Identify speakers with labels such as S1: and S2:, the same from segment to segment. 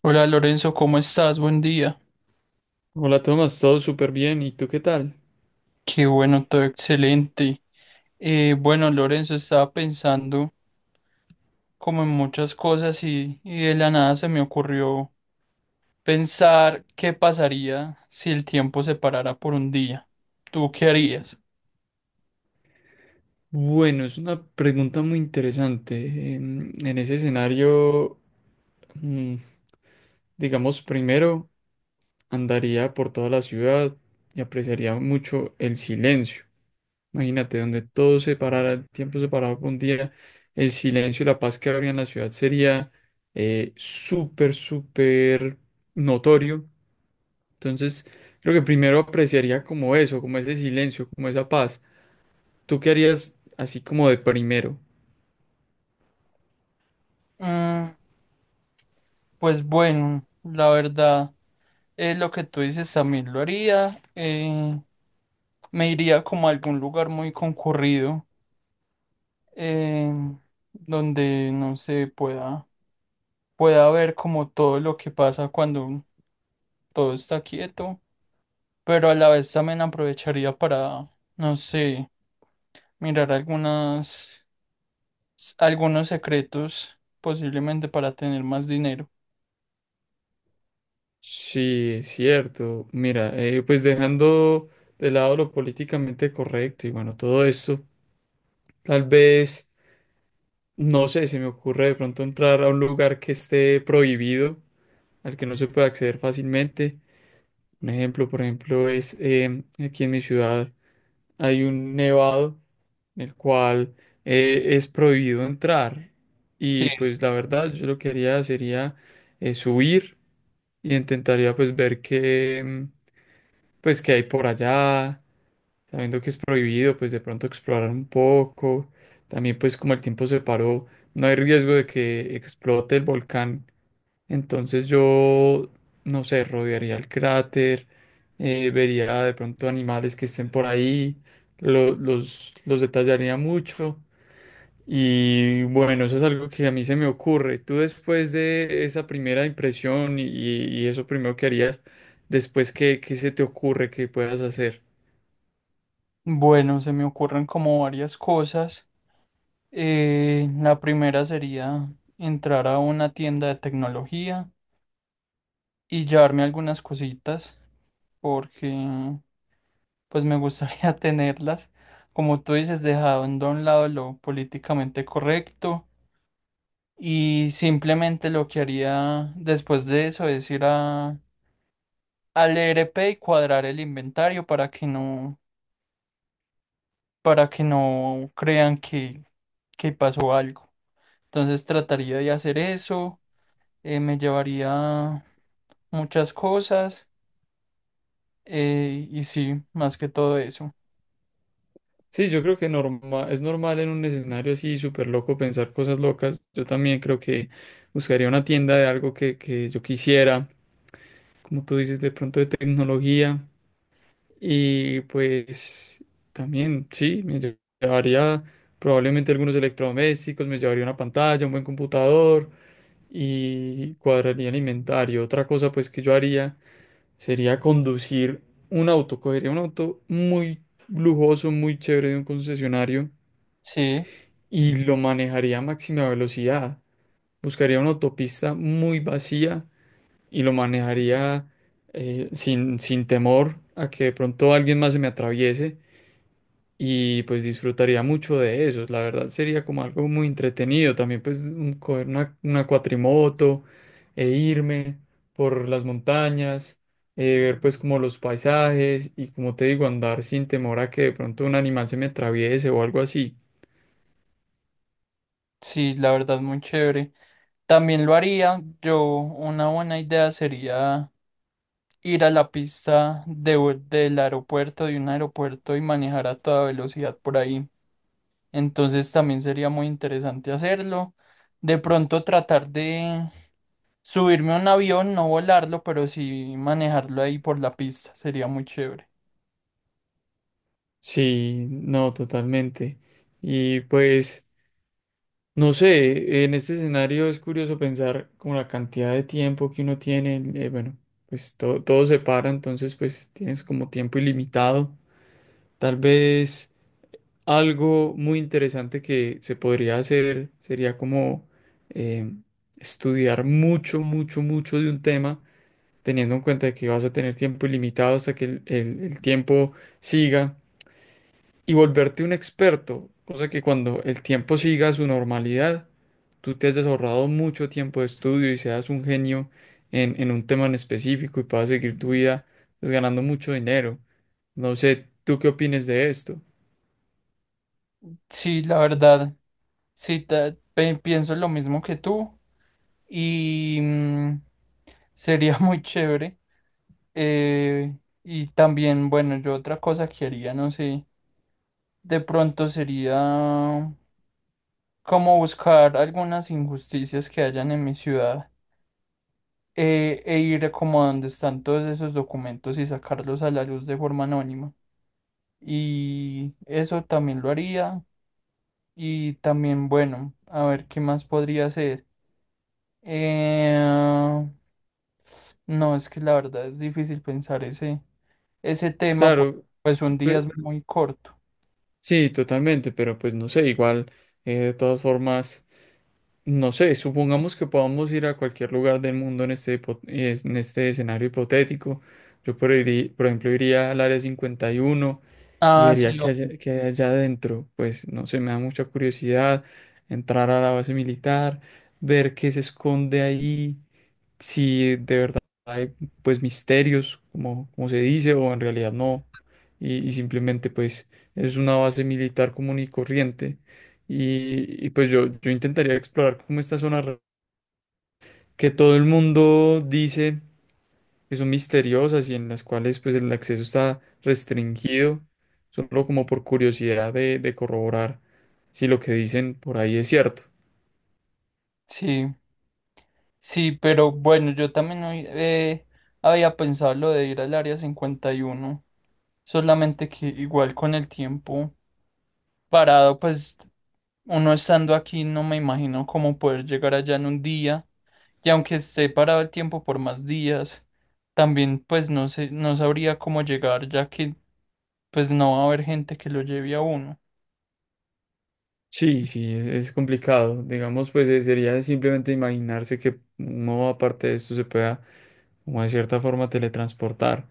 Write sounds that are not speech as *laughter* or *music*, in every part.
S1: Hola Lorenzo, ¿cómo estás? Buen día.
S2: Hola Tomás, todo súper bien. ¿Y tú qué tal?
S1: Qué bueno, todo excelente. Bueno, Lorenzo, estaba pensando como en muchas cosas y de la nada se me ocurrió pensar qué pasaría si el tiempo se parara por un día. ¿Tú qué harías?
S2: Bueno, es una pregunta muy interesante. En ese escenario, mm, digamos, primero andaría por toda la ciudad y apreciaría mucho el silencio. Imagínate, donde todo se parara, el tiempo se parara por un día, el silencio y la paz que habría en la ciudad sería súper, súper notorio. Entonces, creo que primero apreciaría como eso, como ese silencio, como esa paz. ¿Tú qué harías así como de primero?
S1: Mm, pues bueno, la verdad, es lo que tú dices también lo haría. Me iría como a algún lugar muy concurrido, eh, donde no se pueda ver como todo lo que pasa cuando todo está quieto, pero a la vez también aprovecharía para, no sé, mirar algunas, algunos secretos, posiblemente para tener más dinero.
S2: Sí, es cierto. Mira, pues dejando de lado lo políticamente correcto y bueno, todo eso, tal vez, no sé, se me ocurre de pronto entrar a un lugar que esté prohibido, al que no se pueda acceder fácilmente. Un ejemplo, por ejemplo, es aquí en mi ciudad hay un nevado en el cual es prohibido entrar. Y
S1: Sí.
S2: pues la verdad, yo lo que haría sería subir. Y intentaría pues ver qué, pues, qué hay por allá, sabiendo que es prohibido, pues de pronto explorar un poco. También pues como el tiempo se paró, no hay riesgo de que explote el volcán. Entonces yo, no sé, rodearía el cráter, vería de pronto animales que estén por ahí, los detallaría mucho y bueno, eso es algo que a mí se me ocurre. Tú después de esa primera impresión y eso primero que harías, después qué se te ocurre que puedas hacer.
S1: Bueno, se me ocurren como varias cosas. La primera sería entrar a una tienda de tecnología y llevarme algunas cositas, porque pues me gustaría *laughs* tenerlas. Como tú dices, dejando a un lado lo políticamente correcto y simplemente lo que haría después de eso es ir a, al ERP y cuadrar el inventario para que no crean que pasó algo. Entonces trataría de hacer eso, me llevaría muchas cosas y sí, más que todo eso.
S2: Sí, yo creo que es normal en un escenario así súper loco pensar cosas locas. Yo también creo que buscaría una tienda de algo que yo quisiera, como tú dices, de pronto de tecnología. Y pues también, sí, llevaría probablemente algunos electrodomésticos, me llevaría una pantalla, un buen computador. Y cuadraría el inventario. Otra cosa pues que yo haría sería conducir un auto, cogería un auto muy lujoso, muy chévere de un concesionario
S1: Sí,
S2: y lo manejaría a máxima velocidad. Buscaría una autopista muy vacía y lo manejaría sin temor a que de pronto alguien más se me atraviese y pues disfrutaría mucho de eso. La verdad sería como algo muy entretenido. También pues coger una cuatrimoto e irme por las montañas, ver pues como los paisajes y como te digo, andar sin temor a que de pronto un animal se me atraviese o algo así.
S1: sí, la verdad, muy chévere. También lo haría. Yo, una buena idea sería ir a la pista del aeropuerto, de un aeropuerto y manejar a toda velocidad por ahí. Entonces también sería muy interesante hacerlo. De pronto tratar de subirme a un avión, no volarlo, pero sí manejarlo ahí por la pista. Sería muy chévere.
S2: Sí, no, totalmente. Y pues. No sé, en este escenario es curioso pensar como la cantidad de tiempo que uno tiene, bueno, pues todo se para, entonces pues tienes como tiempo ilimitado. Tal vez algo muy interesante que se podría hacer sería como eh, estudiar mucho, mucho, mucho de un tema, teniendo en cuenta que vas a tener tiempo ilimitado hasta que el tiempo siga y volverte un experto, cosa que cuando el tiempo siga su normalidad, tú te has ahorrado mucho tiempo de estudio y seas un genio en un tema en específico y puedas seguir tu vida pues, ganando mucho dinero. No sé, ¿tú qué opines de esto?
S1: Sí, la verdad. Sí, pienso lo mismo que tú. y mm, sería *laughs* muy chévere. Eh, y también, bueno, yo otra cosa que haría, no sé, de pronto sería como buscar algunas injusticias que hayan en mi ciudad, e ir como a donde están todos esos documentos y sacarlos a la luz de forma anónima. Y eso también lo haría. Y también, bueno, a ver qué más podría hacer. Eh, no, es que la verdad es difícil pensar ese tema porque
S2: Claro,
S1: pues un día es
S2: pues,
S1: muy corto.
S2: sí, totalmente, pero pues no sé, igual, de todas formas, no sé, supongamos que podamos ir a cualquier lugar del mundo en este, en este escenario hipotético. Por ejemplo iría al área 51 y
S1: Ah, sí,
S2: vería que hay allá adentro. Pues no sé, me da mucha curiosidad entrar a la base militar, ver qué se esconde ahí, si de verdad hay pues misterios, como se dice, o en realidad no. Y simplemente pues es una base militar común y corriente. Pues yo intentaría explorar como esta zona que todo el mundo dice que son misteriosas y en las cuales pues el acceso está restringido, solo como por curiosidad de corroborar si lo que dicen por ahí es cierto.
S1: sí, sí, pero bueno, yo también hoy, había pensado lo de ir al área 51, solamente que igual con el tiempo parado, pues uno estando aquí no me imagino cómo poder llegar allá en un día y aunque esté parado el tiempo por más días, también pues no sé, no sabría cómo llegar ya que pues no va a haber gente que lo lleve a uno.
S2: Sí, sí, es, complicado. Digamos, pues sería simplemente imaginarse que no aparte de esto se pueda, como de cierta forma, teletransportar.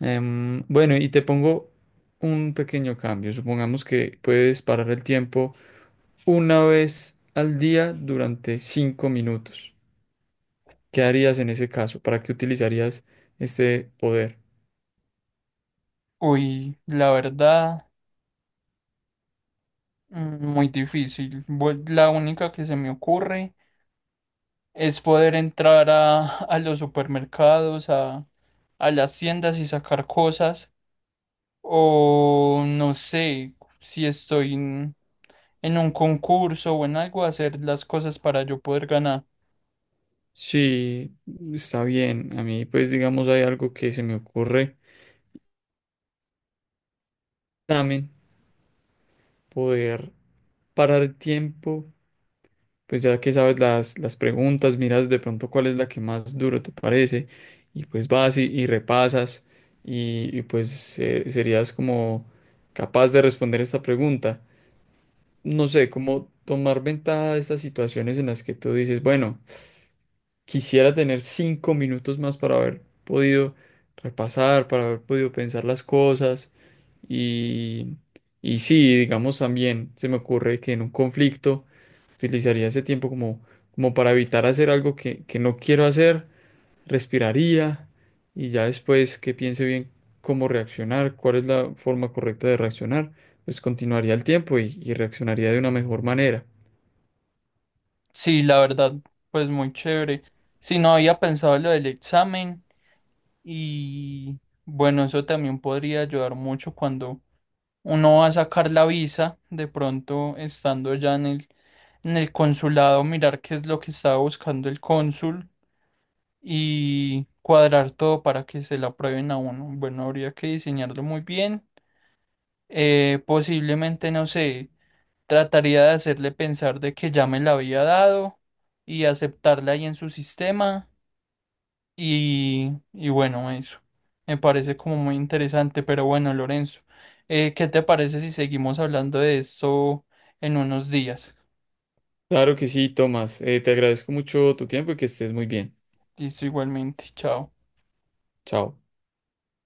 S2: Bueno, y te pongo un pequeño cambio. Supongamos que puedes parar el tiempo una vez al día durante 5 minutos. ¿Qué harías en ese caso? ¿Para qué utilizarías este poder?
S1: Uy, la verdad. Mm, muy difícil. La única que se me ocurre es poder entrar a los supermercados, a las tiendas y sacar cosas. O no sé si estoy en un concurso o en algo, hacer las cosas para yo poder ganar.
S2: Sí, está bien. A mí, pues, digamos, hay algo que se me ocurre también, poder parar el tiempo, pues ya que sabes las preguntas, miras de pronto cuál es la que más duro te parece y pues vas y repasas y pues serías como capaz de responder esta pregunta. No sé, cómo tomar ventaja de estas situaciones en las que tú dices, bueno, quisiera tener 5 minutos más para haber podido repasar, para haber podido pensar las cosas. Y, y sí, digamos también, se me ocurre que en un conflicto utilizaría ese tiempo como, como para evitar hacer algo que no quiero hacer, respiraría y ya después que piense bien cómo reaccionar, cuál es la forma correcta de reaccionar, pues continuaría el tiempo y reaccionaría de una mejor manera.
S1: Sí, la verdad, pues muy chévere. Si no había pensado lo del examen y bueno, eso también podría ayudar mucho cuando uno va a sacar la visa, de pronto estando ya en el consulado, mirar qué es lo que estaba buscando el cónsul y cuadrar todo para que se la aprueben a uno. Bueno, habría que diseñarlo muy bien. Posiblemente, no sé, trataría de hacerle pensar de que ya me la había dado y aceptarla ahí en su sistema. Y bueno, eso me parece como muy interesante, pero bueno, Lorenzo, ¿qué te parece si seguimos hablando de esto en unos días?
S2: Claro que sí, Tomás. Te agradezco mucho tu tiempo y que estés muy bien.
S1: Listo, igualmente, chao.
S2: Chao.